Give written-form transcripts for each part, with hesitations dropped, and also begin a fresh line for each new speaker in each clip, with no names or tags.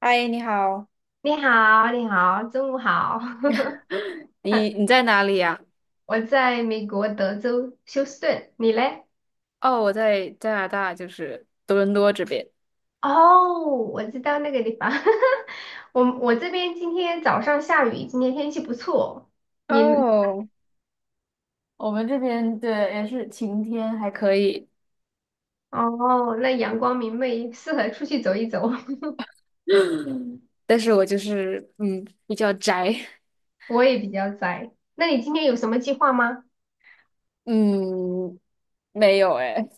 嗨，你好。
你好，你好，中午好。
你在哪里呀？
我在美国德州休斯顿，你嘞？
哦，我在加拿大，就是多伦多这边。
哦，我知道那个地方。我这边今天早上下雨，今天天气不错。你呢？
哦，我们这边对也是晴天，还可以，
哦，那阳光明媚，适合出去走一走。
但是我就是比较宅。
我也比较宅。那你今天有什么计划吗？
嗯没有哎，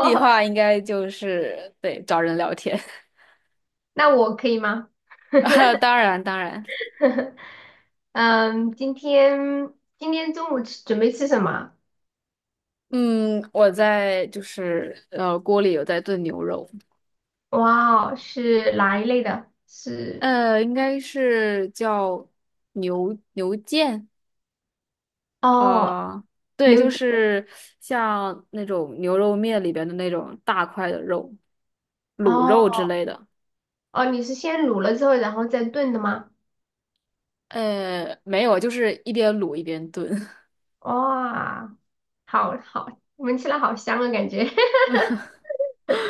计划应 该就是对找人聊天。
那我可以吗？
啊，当然，
嗯，今天中午吃准备吃什么？
嗯我在就是锅里有在炖牛肉。
哇哦，是哪一类的？是。
应该是叫牛腱，
哦，
呃，对，
刘
就
姐，
是像那种牛肉面里边的那种大块的肉，卤肉之
哦
类的。
哦，你是先卤了之后，然后再炖的吗？
没有，就是一边卤一边炖。
哇，好好，闻起来好香啊，感觉。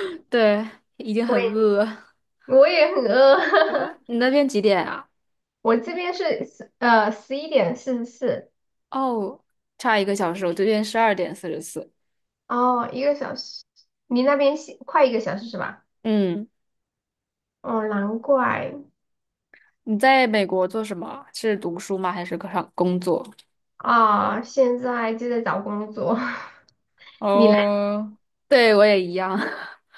对，已经
我
很
也
饿了。
我也很饿，
你那边几点啊？
我这边是11:44，
哦，差一个小时，我这边十二点四十四。
哦，一个小时，你那边是快一个小时是吧？
嗯，
哦，难怪。
你在美国做什么？是读书吗？还是上工作？
啊，现在就在找工作，你来，
哦，对，我也一样。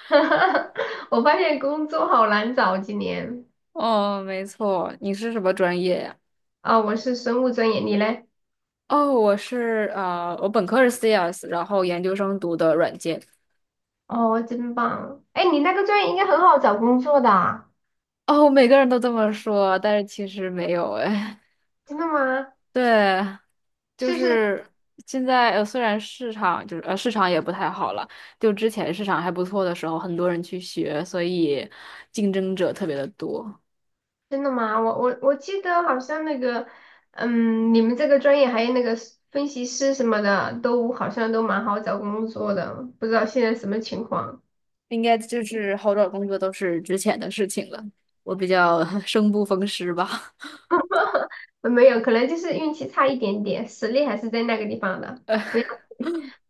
我发现工作好难找今年。
哦，没错，你是什么专业呀？
啊，我是生物专业，你呢？
哦，我是我本科是 CS，然后研究生读的软件。
哦，真棒！哎，你那个专业应该很好找工作的啊。
哦，每个人都这么说，但是其实没有哎。
真的吗？
对，就
是不是
是现在虽然市场就是市场也不太好了，就之前市场还不错的时候，很多人去学，所以竞争者特别的多。
真的吗？我记得好像那个，嗯，你们这个专业还有那个 分析师什么的，都好像都蛮好找工作的，不知道现在什么情况？
应该就是好找工作都是之前的事情了。我比较 生不逢时吧。
呃没有，可能就是运气差一点点，实力还是在那个地方的，
呃，
不要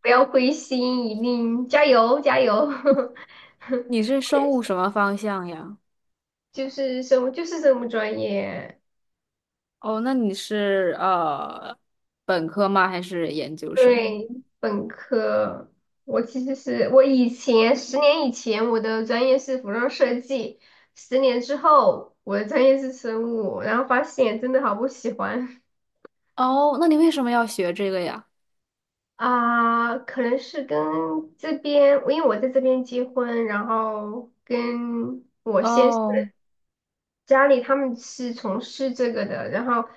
不要灰心，一定加油加油！
你是生物什么方向呀？
就是什么就是什么专业。
哦，那你是本科吗？还是研究生？
对，本科，我其实是以前十年以前我的专业是服装设计，十年之后我的专业是生物，然后发现真的好不喜欢。
哦，那你为什么要学这个呀？
啊，可能是跟这边，因为我在这边结婚，然后跟我先生。
哦，
家里他们是从事这个的，然后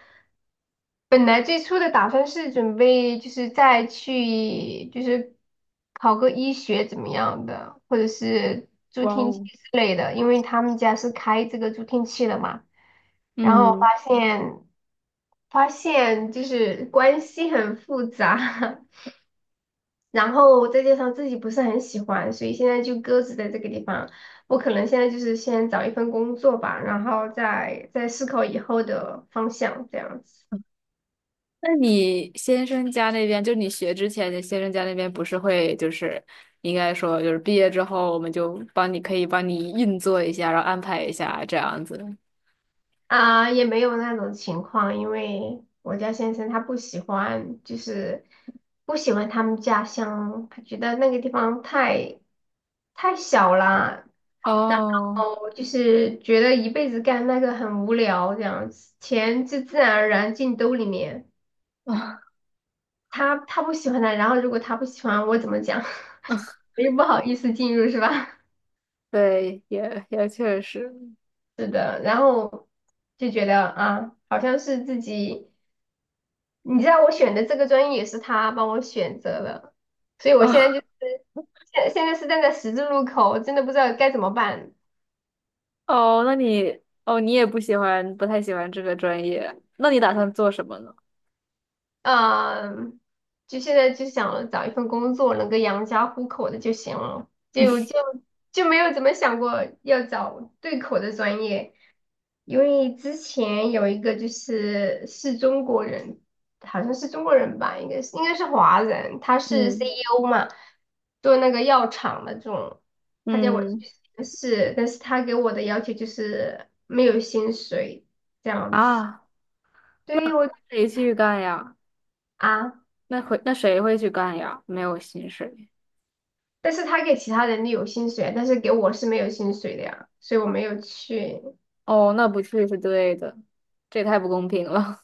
本来最初的打算是准备就是再去就是考个医学怎么样的，或者是助
哇
听器
哦，
之类的，因为他们家是开这个助听器的嘛。然后
嗯，
发现就是关系很复杂，然后再加上自己不是很喜欢，所以现在就搁置在这个地方。我可能现在就是先找一份工作吧，然后再思考以后的方向这样子。
那你先生家那边，就你学之前，你先生家那边不是会就是应该说就是毕业之后，我们就帮你可以帮你运作一下，然后安排一下这样子。
啊，也没有那种情况，因为我家先生他不喜欢，就是不喜欢他们家乡，他觉得那个地方太小了，然
哦，
后就是觉得一辈子干那个很无聊这样子，钱就自然而然进兜里面。他不喜欢的，然后如果他不喜欢我怎么讲，我又不好意思进入是吧？
对，也也确实。
是的，然后就觉得啊，好像是自己，你知道我选的这个专业也是他帮我选择的，所以我现
哦
在就是现在是站在十字路口，我真的不知道该怎么办。
哦，那你哦，你也不喜欢，不太喜欢这个专业，那你打算做什么呢？
嗯，就现在就想找一份工作能够养家糊口的就行了，就 就没有怎么想过要找对口的专业。因为之前有一个就是中国人，好像是中国人吧，应该是华人，他
嗯
是
嗯
CEO 嘛，做那个药厂的这种，他叫我去
嗯
面试，但是他给我的要求就是没有薪水这样子，
啊，
对我。
谁去干呀？
啊，
那会那谁会去干呀？没有薪水。
但是他给其他人的有薪水，但是给我是没有薪水的呀，所以我没有去。
哦，那不去是对的，这也太不公平了。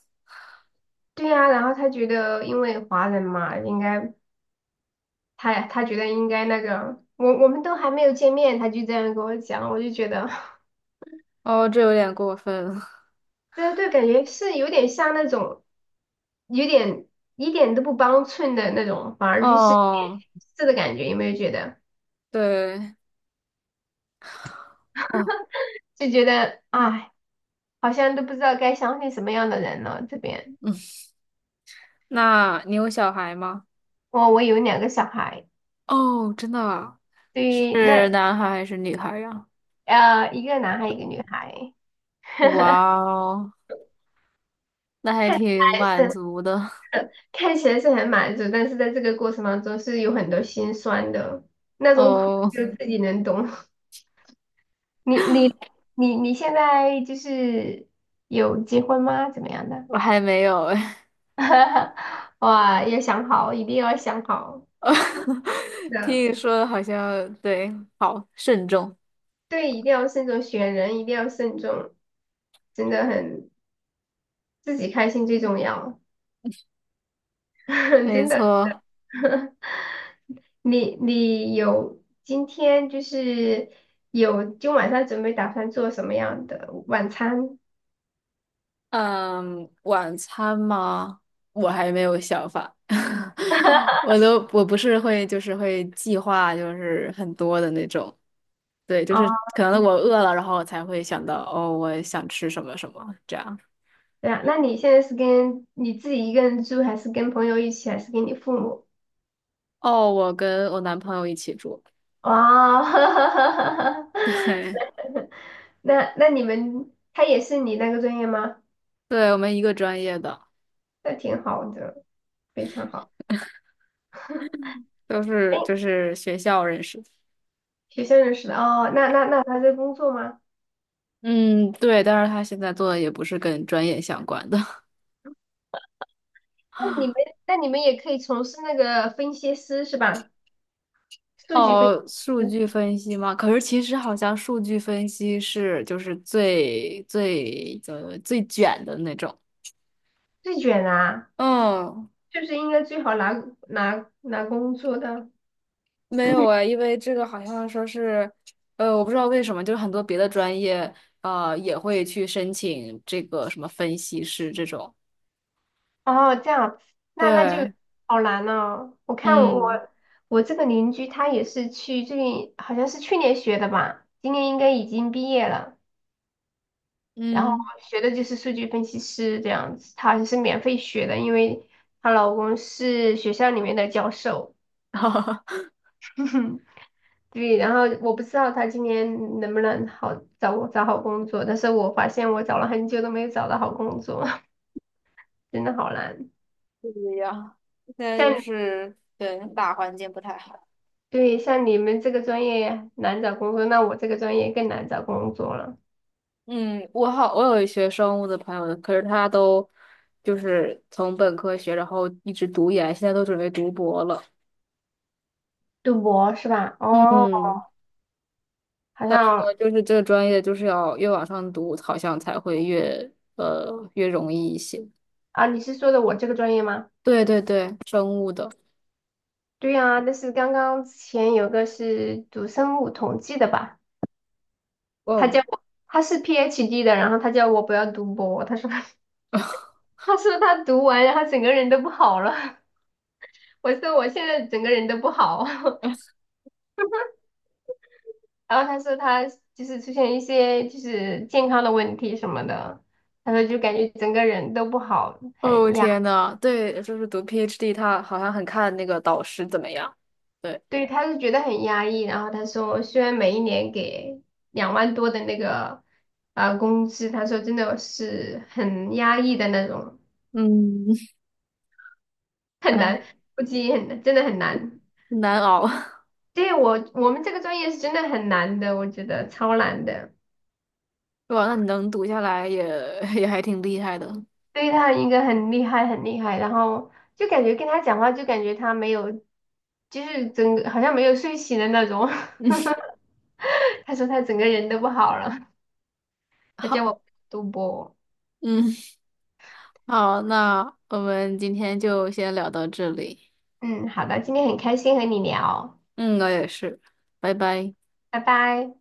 对呀，然后他觉得因为华人嘛，应该他觉得应该那个，我们都还没有见面，他就这样跟我讲，我就觉得，
哦，这有点过分了。
对对，感觉是有点像那种，有点一点都不帮衬的那种，反而就是
哦，
是的感觉，有没有觉得？
对，哦，
就觉得，哎，好像都不知道该相信什么样的人了。这边，
嗯，那你有小孩吗？
我有两个小孩，
哦，真的啊，
对于
是
那。
男孩还是女孩呀？
呃一个男孩一个女孩，
哇哦，那还
看起
挺
来
满
是。
足的。
看起来是很满足，但是在这个过程当中是有很多心酸的，那种苦
哦，
只有自己能懂。你你你现在就是有结婚吗？怎么样的？
我还没有哎。
哇，要想好，一定要想好，真 的，
听你说的好像对，好慎重。
对，一定要慎重选人，一定要慎重，真的很，自己开心最重要，
没
真的。
错。
你有今天就是有今晚上准备打算做什么样的晚餐？
嗯，晚餐吗？我还没有想法。我都我不是会就是会计划就是很多的那种。对，就是
哦，
可能我饿了，然后我才会想到哦，我想吃什么什么这样。
对啊，那你现在是跟你自己一个人住，还是跟朋友一起，还是跟你父母？
哦，我跟我男朋友一起住。
哦，
嘿，
那那你们他也是你那个专业吗？
对，我们一个专业的，
那挺好的，非常好。
都
哎，
是就是学校认识的。
学校认识的哦，那他在工作吗？
嗯，对，但是他现在做的也不是跟专业相关的。
那你们 那你们也可以从事那个分析师是吧？数据分
哦，数
析师
据分析吗？可是其实好像数据分析是就是最最卷的那种。
最卷啊，
嗯，
就是应该最好拿拿工作的。
没有 哎，因为这个好像说是，我不知道为什么，就是很多别的专业，啊也会去申请这个什么分析师这种。
哦，这样，那那就
对，
好难哦。我看
嗯，
我我这个邻居，他也是去最近好像是去年学的吧，今年应该已经毕业了。然后
嗯。
学的就是数据分析师这样子，她好像是免费学的，因为她老公是学校里面的教授。对，然后我不知道她今年能不能好找好工作，但是我发现我找了很久都没有找到好工作，真的好难。
不一样。现在
像。
就
你。
是对大环境不太好。
对，像你们这个专业难找工作，那我这个专业更难找工作了。
嗯，我好，我有一学生物的朋友，可是他都就是从本科学，然后一直读研，现在都准备读博了。
读博是吧？哦，
嗯，
好像。
我就是这个专业，就是要越往上读，好像才会越越容易一些。
啊，你是说的我这个专业吗？
对对对，生物的，
对呀，但是刚刚之前有个是读生物统计的吧，他
哦
叫我，他是 PhD 的，然后他叫我不要读博，他说 他说他读完，然后整个人都不好了。我说我现在整个人都不好。然后他说他就是出现一些就是健康的问题什么的，他说就感觉整个人都不好，
哦
很压，
天呐，对，就是读 PhD，他好像很看那个导师怎么样。对，
对，他是觉得很压抑。然后他说，虽然每一年给2万多的那个工资，他说真的是很压抑的那种，
嗯，哎，
估计很真的很难。
难熬。
对我们这个专业是真的很难的，我觉得超难的。
哇，那你能读下来也也还挺厉害的。
对他应该很厉害，很厉害。然后就感觉跟他讲话，就感觉他没有，就是整个好像没有睡醒的那种。
嗯，
他说他整个人都不好了，他叫
好，
我赌博。
嗯。好，那我们今天就先聊到这里。
嗯，好的，今天很开心和你聊，
嗯，我也是，拜拜。
拜拜。